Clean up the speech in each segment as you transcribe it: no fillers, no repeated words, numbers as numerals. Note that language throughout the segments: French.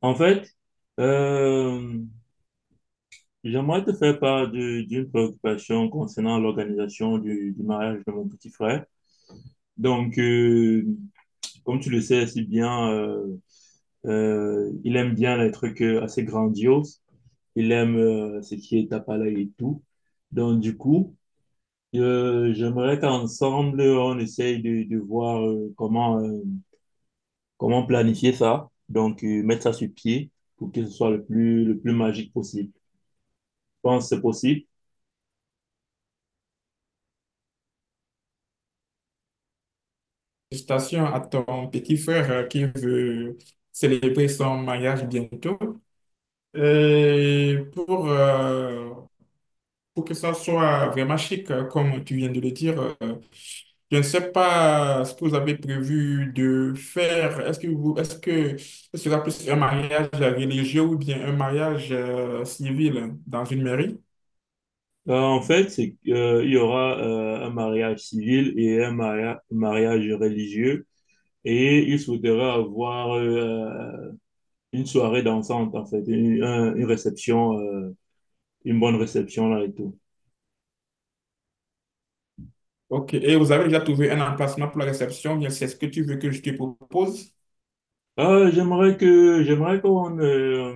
En fait, euh, J'aimerais te faire part d'une préoccupation concernant l'organisation du mariage de mon petit frère. Donc, euh, Comme tu le sais si bien, il aime bien les trucs assez grandioses. Il aime ce qui est palais et tout. Donc, du coup, J'aimerais qu'ensemble, on essaye de voir comment, comment planifier ça. Mettre ça sur pied pour que ce soit le plus magique possible. Je pense que c'est possible. Félicitations à ton petit frère qui veut célébrer son mariage bientôt. Et pour que ça soit vraiment chic, comme tu viens de le dire. Je ne sais pas ce que vous avez prévu de faire. Est-ce que ce sera plus un mariage religieux ou bien un mariage civil dans une mairie? En fait, c'est que, il y aura un mariage civil et un mariage religieux. Et il souhaiterait avoir une soirée dansante, en fait, une réception, une bonne réception là et tout. Ok. Et vous avez déjà trouvé un emplacement pour la réception, bien c'est ce que tu veux que je te propose? J'aimerais qu'on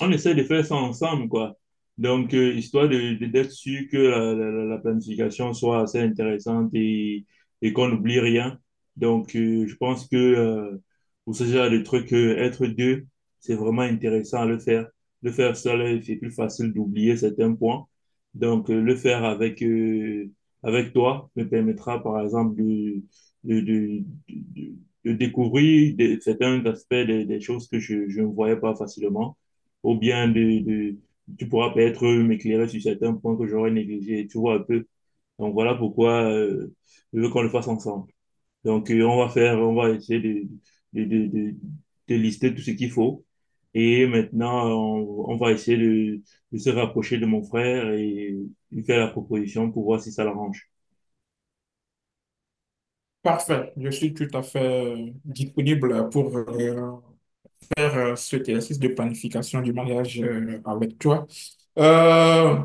on essaie de faire ça ensemble, quoi. Histoire de, d'être sûr que la planification soit assez intéressante et qu'on n'oublie rien. Je pense que pour ce genre de truc, être deux, c'est vraiment intéressant à le faire. Le faire seul, c'est plus facile d'oublier certains points. Le faire avec, avec toi me permettra, par exemple, de, de, de découvrir certains aspects des choses que je ne voyais pas facilement, ou bien tu pourras peut-être m'éclairer sur certains points que j'aurais négligés, tu vois un peu. Donc voilà pourquoi je veux qu'on le fasse ensemble. On va essayer de, de, de, de lister tout ce qu'il faut. Et maintenant, on va essayer de se rapprocher de mon frère et lui faire la proposition pour voir si ça l'arrange. Parfait, je suis tout à fait disponible pour faire cet exercice de planification du mariage avec toi. Euh,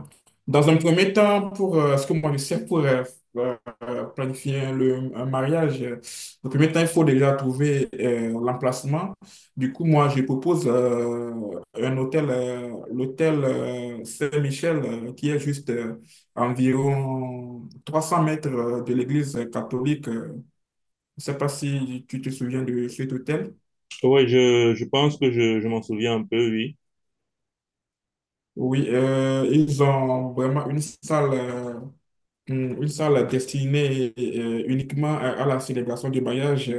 dans un premier temps, pour ce que moi je sais pour euh, planifier un mariage, le premier temps, il faut déjà trouver l'emplacement. Du coup, moi, je propose un hôtel, l'hôtel Saint-Michel, qui est juste à environ 300 mètres de l'église catholique. Je ne sais pas si tu te souviens de cet hôtel. Oui, je pense que je m'en souviens un peu, oui. Oui, ils ont vraiment une salle, une salle destinée uniquement à la célébration du mariage.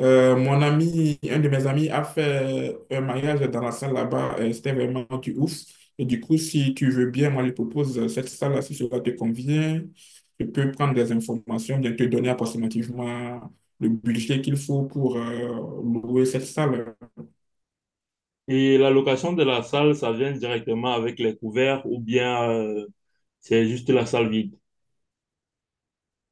Mon ami, un de mes amis a fait un mariage dans la salle là-bas. C'était vraiment du ouf. Et du coup, si tu veux bien, moi, je propose cette salle-là, si cela te convient. Je peux prendre des informations, bien te donner approximativement le budget qu'il faut pour louer cette salle. Et la location de la salle, ça vient directement avec les couverts ou bien c'est juste la salle vide.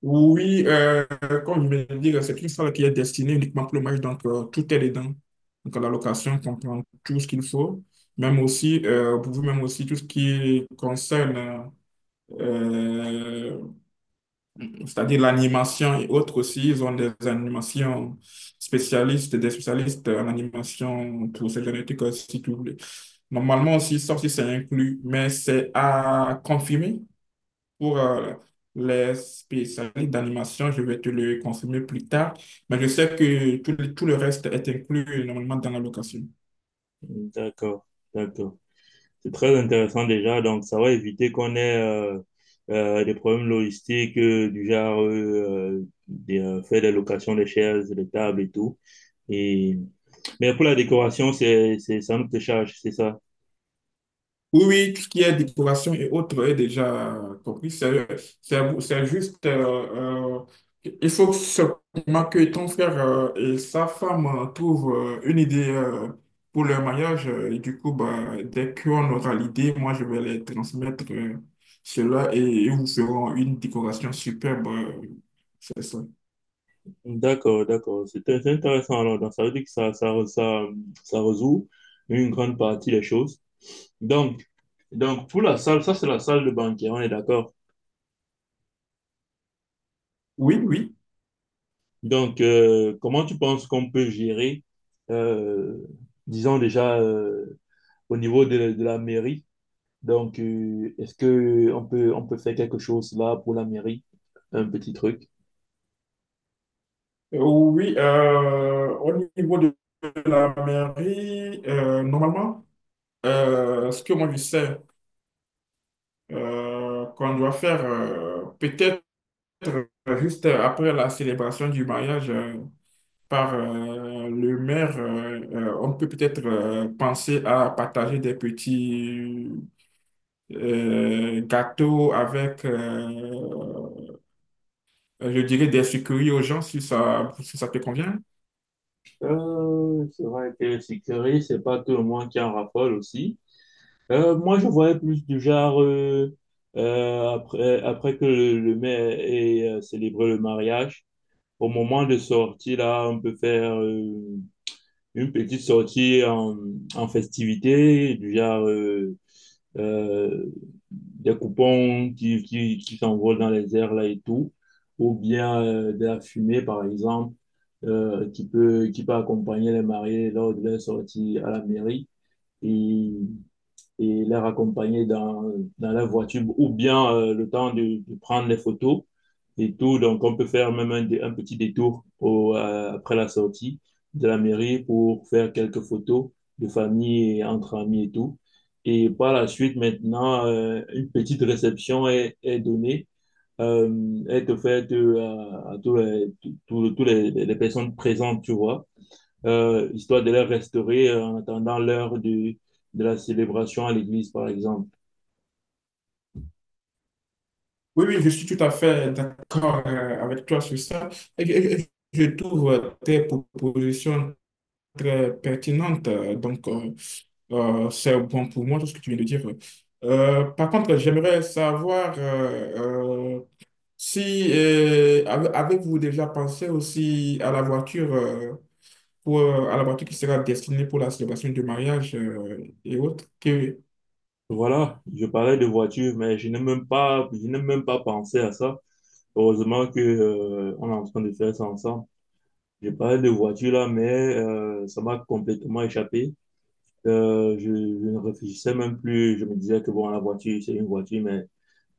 Oui, comme je viens de dire, c'est une salle qui est destinée uniquement pour le match, donc tout est dedans. Donc la location comprend tout ce qu'il faut, même aussi, pour vous, même aussi tout ce qui concerne, euh, c'est-à-dire l'animation et autres aussi. Ils ont des animations spécialistes, des spécialistes en animation pour ces génétiques, si tu voulez. Normalement aussi, ça aussi c'est inclus, mais c'est à confirmer pour les spécialistes d'animation, je vais te le confirmer plus tard, mais je sais que tout le reste est inclus normalement dans la location. D'accord, d'accord. C'est très intéressant déjà. Donc, ça va éviter qu'on ait des problèmes logistiques du genre faire des locations des chaises, des tables et tout. Et... Mais pour la décoration, ça nous te charge, c'est ça. Oui, oui, tout ce qui est décoration et autres est déjà compris. C'est juste, il faut seulement que ton frère et sa femme trouvent une idée pour leur mariage. Et du coup, bah, dès qu'on aura l'idée, moi, je vais les transmettre cela et ils vous feront une décoration superbe. C'est ça. D'accord, d'accord. C'est intéressant. Alors, donc, ça veut dire que ça résout une grande partie des choses. Donc, Donc, pour la salle, ça, c'est la salle de banquet, on est d'accord. Oui, oui. Comment tu penses qu'on peut gérer, euh, disons déjà, au niveau de la mairie? Est-ce que on peut faire quelque chose là pour la mairie? Un petit truc. Oui, au niveau de la mairie, normalement, ce que moi je sais, qu'on doit faire peut-être juste après la célébration du mariage par le maire. On peut peut-être penser à partager des petits gâteaux avec je dirais des sucreries aux gens si ça, si ça te convient. C'est vrai que sécurité, c'est pas tout le monde qui en raffole aussi. Moi, je voyais plus du genre, après que le maire ait célébré le mariage, au moment de sortie là, on peut faire une petite sortie en, en festivité, du genre euh, des coupons qui s'envolent dans les airs là et tout, ou bien de la fumée, par exemple, qui peut accompagner les mariés lors de leur sortie à la mairie. Et et les raccompagner dans, dans la voiture ou bien le temps de prendre les photos et tout. Donc, on peut faire même un petit détour au, après la sortie de la mairie pour faire quelques photos de famille et entre amis et tout. Et par la suite, maintenant, une petite réception est donnée, est offerte à tous tous les personnes présentes, tu vois histoire de les restaurer en attendant l'heure de la célébration à l'église, par exemple. Oui, oui, je suis tout à fait d'accord avec toi sur ça. Et je trouve tes propositions très pertinentes. Donc, c'est bon pour moi, tout ce que tu viens de dire. Par contre, j'aimerais savoir euh, Si avez-vous déjà pensé aussi à la voiture, à la voiture qui sera destinée pour la célébration du mariage, et autres? Voilà, je parlais de voiture, mais je n'ai même pas pensé à ça. Heureusement que, on est en train de faire ça ensemble. Je parlais de voiture là, mais ça m'a complètement échappé. Je ne réfléchissais même plus. Je me disais que bon, la voiture, c'est une voiture, mais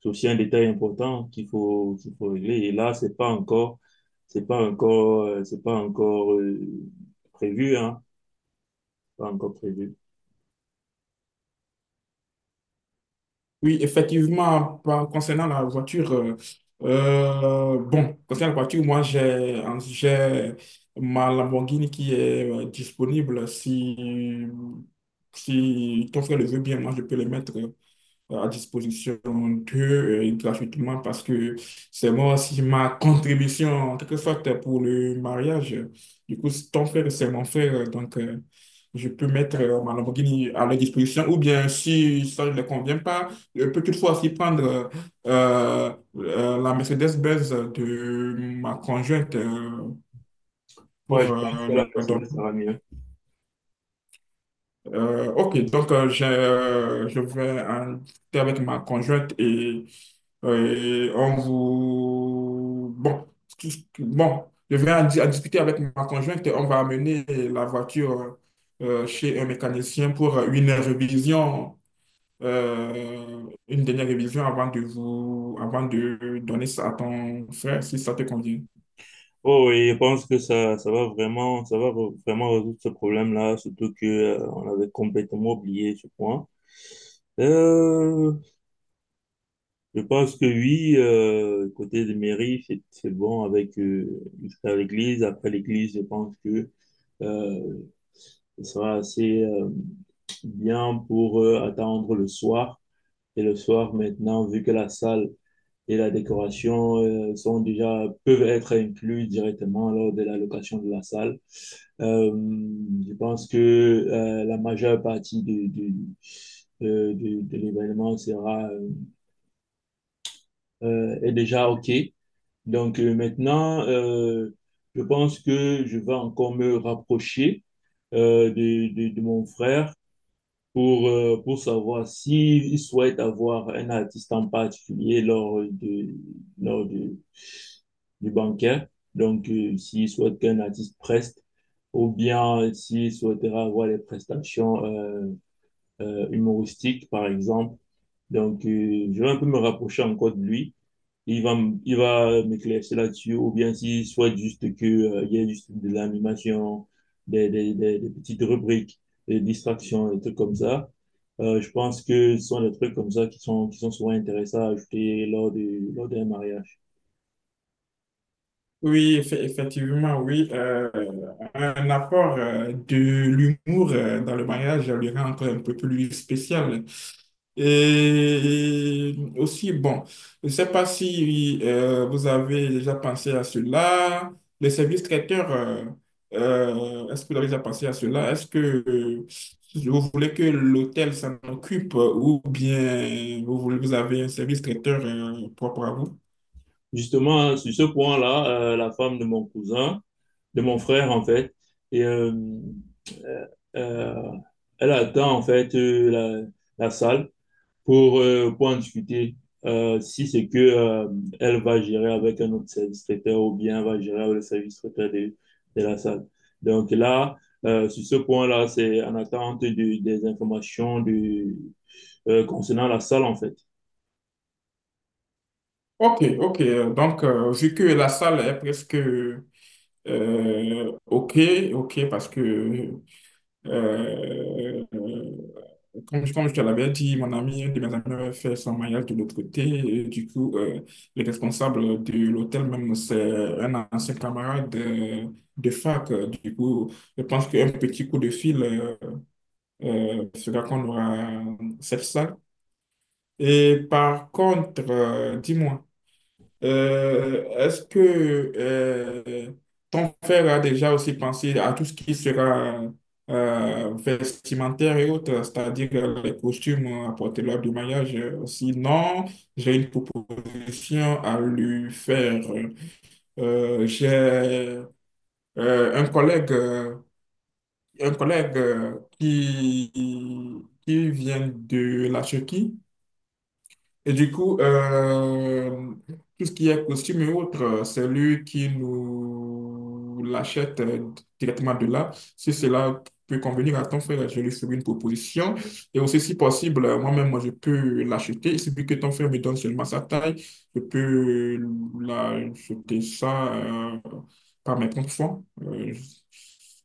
c'est aussi un détail important qu'il faut régler. Et là, c'est pas encore prévu, hein. Pas encore prévu. Oui, effectivement, concernant la voiture, concernant la voiture, moi, j'ai ma Lamborghini qui est disponible. Si ton frère le veut bien, moi, je peux le mettre à disposition d'eux gratuitement parce que c'est moi aussi ma contribution en quelque sorte pour le mariage. Du coup, c'est ton frère, c'est mon frère, donc je peux mettre ma Lamborghini à leur disposition ou bien si ça ne leur convient pas, je peux toutefois aussi prendre euh, la Mercedes-Benz de ma conjointe pour Ouais, je pense que la leur Mercedes, donner. ça va mieux. Ok, donc je vais en discuter avec ma conjointe, et on vous... Bon, je vais en discuter avec ma conjointe et on va amener la voiture chez un mécanicien pour une révision, une dernière révision avant de donner ça à ton frère si ça te convient. Oh, et je pense que ça va vraiment résoudre ce problème-là, surtout que, on avait complètement oublié ce point. Euh, Je pense que oui, côté des mairies, c'est bon avec, jusqu'à l'église. Après l'église, je pense que euh, ce sera assez bien pour attendre le soir. Et le soir, maintenant, vu que la salle et la décoration sont déjà, peuvent être inclus directement lors de la location de la salle, euh, je pense que la majeure partie de l'événement sera est déjà OK. Donc euh, maintenant, euh, je pense que je vais encore me rapprocher de mon frère pour savoir s'il souhaite avoir un artiste en particulier lors de, du banquet. S'il souhaite qu'un artiste preste ou bien s'il souhaitera avoir des prestations humoristiques, par exemple. Je vais un peu me rapprocher encore de lui. Il va, il va m'éclaircir là-dessus, ou bien s'il souhaite juste que, il y ait juste de l'animation, des petites rubriques, des distractions, des trucs comme ça. Je pense que ce sont des trucs comme ça qui sont souvent intéressants à ajouter lors d'un mariage. Oui, effectivement, oui. Un apport de l'humour dans le mariage le rend encore un peu plus spécial. Et aussi, bon, je ne sais pas si vous avez déjà pensé à cela. Les services traiteurs, est-ce que vous avez déjà pensé à cela? Est-ce que vous voulez que l'hôtel s'en occupe ou bien vous avez un service traiteur propre à vous? Justement, sur ce point-là, la femme de mon cousin, de mon frère, en fait, et, euh, euh, euh, elle attend, en fait, la salle pour en discuter. Si c'est que elle va gérer avec un autre service traiteur ou bien elle va gérer avec le service traiteur de la salle. Donc là, sur ce point-là, c'est en attente des informations de, concernant la salle en fait. Ok, ok. Donc, vu que la salle est presque... Ok, ok, parce que, euh, comme je te l'avais dit, mon ami, un de mes amis avait fait son mariage de l'autre côté. Et du coup, le responsable de l'hôtel, même, c'est un ancien camarade de fac. Du coup, je pense qu'un petit coup de fil fera qu'on aura cette salle. Et par contre, dis-moi. Est-ce que euh, ton frère a déjà aussi pensé à tout ce qui sera vestimentaire et autres, c'est-à-dire les costumes à porter lors du mariage? Sinon, j'ai une proposition à lui faire. J'ai un collègue, euh, un collègue qui vient de la Turquie. Et du coup, tout ce qui est costume et autres, c'est lui qui nous l'achète directement de là. Si cela peut convenir à ton frère, je lui ferai une proposition. Et aussi, si possible, moi-même, moi, je peux l'acheter. Il suffit que ton frère me donne seulement sa taille. Je peux l'acheter ça. Par mes propres fois. Euh,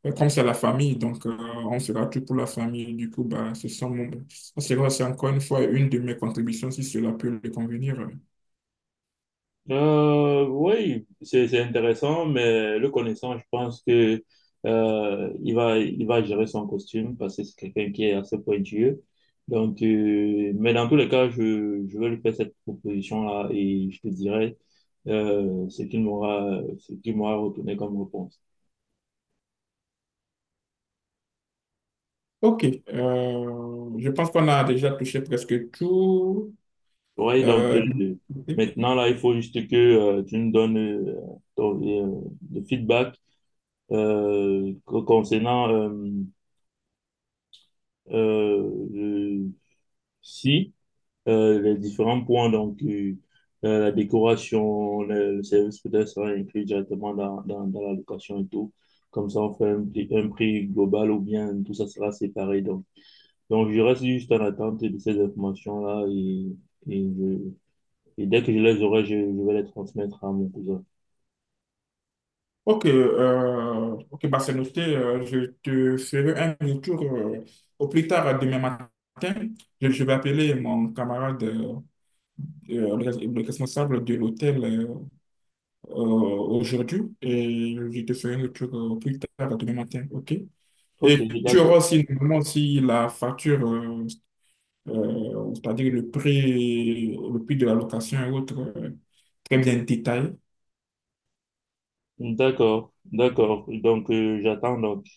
je- Comme c'est la famille, donc on fera tout pour la famille. Du coup, bah, ce sont mon- ça sera, c'est encore une fois une de mes contributions si cela peut lui convenir. Oui, c'est intéressant, mais le connaissant, je pense que il va gérer son costume parce que c'est quelqu'un qui est assez pointueux. Mais dans tous les cas, je vais lui faire cette proposition-là et je te dirai ce qu'il m'aura retourné comme réponse. Ok, je pense qu'on a déjà touché presque tout. Oui, donc Euh, euh, maintenant là, il faut juste que tu nous donnes ton- euh, le feedback concernant euh, Si, les différents points, la décoration, le service peut-être sera inclus directement dans la location et tout. Comme ça, on fait un prix global ou bien tout ça sera séparé. Donc, je reste juste en attente de ces informations-là et, et, je- et dès que je les aurai, je vais les transmettre à mon cousin. ok, bah c'est noté. Je te ferai un retour au plus tard demain matin. Je vais appeler mon camarade, le responsable de l'hôtel. Aujourd'hui et je te ferai le truc plus tard demain matin, ok? Et Ok, tu auras d'accord. aussi normalement aussi la facture, c'est-à-dire le prix de la location et autres, très bien détaillé. D'accord, d'accord. Donc, j'attends donc.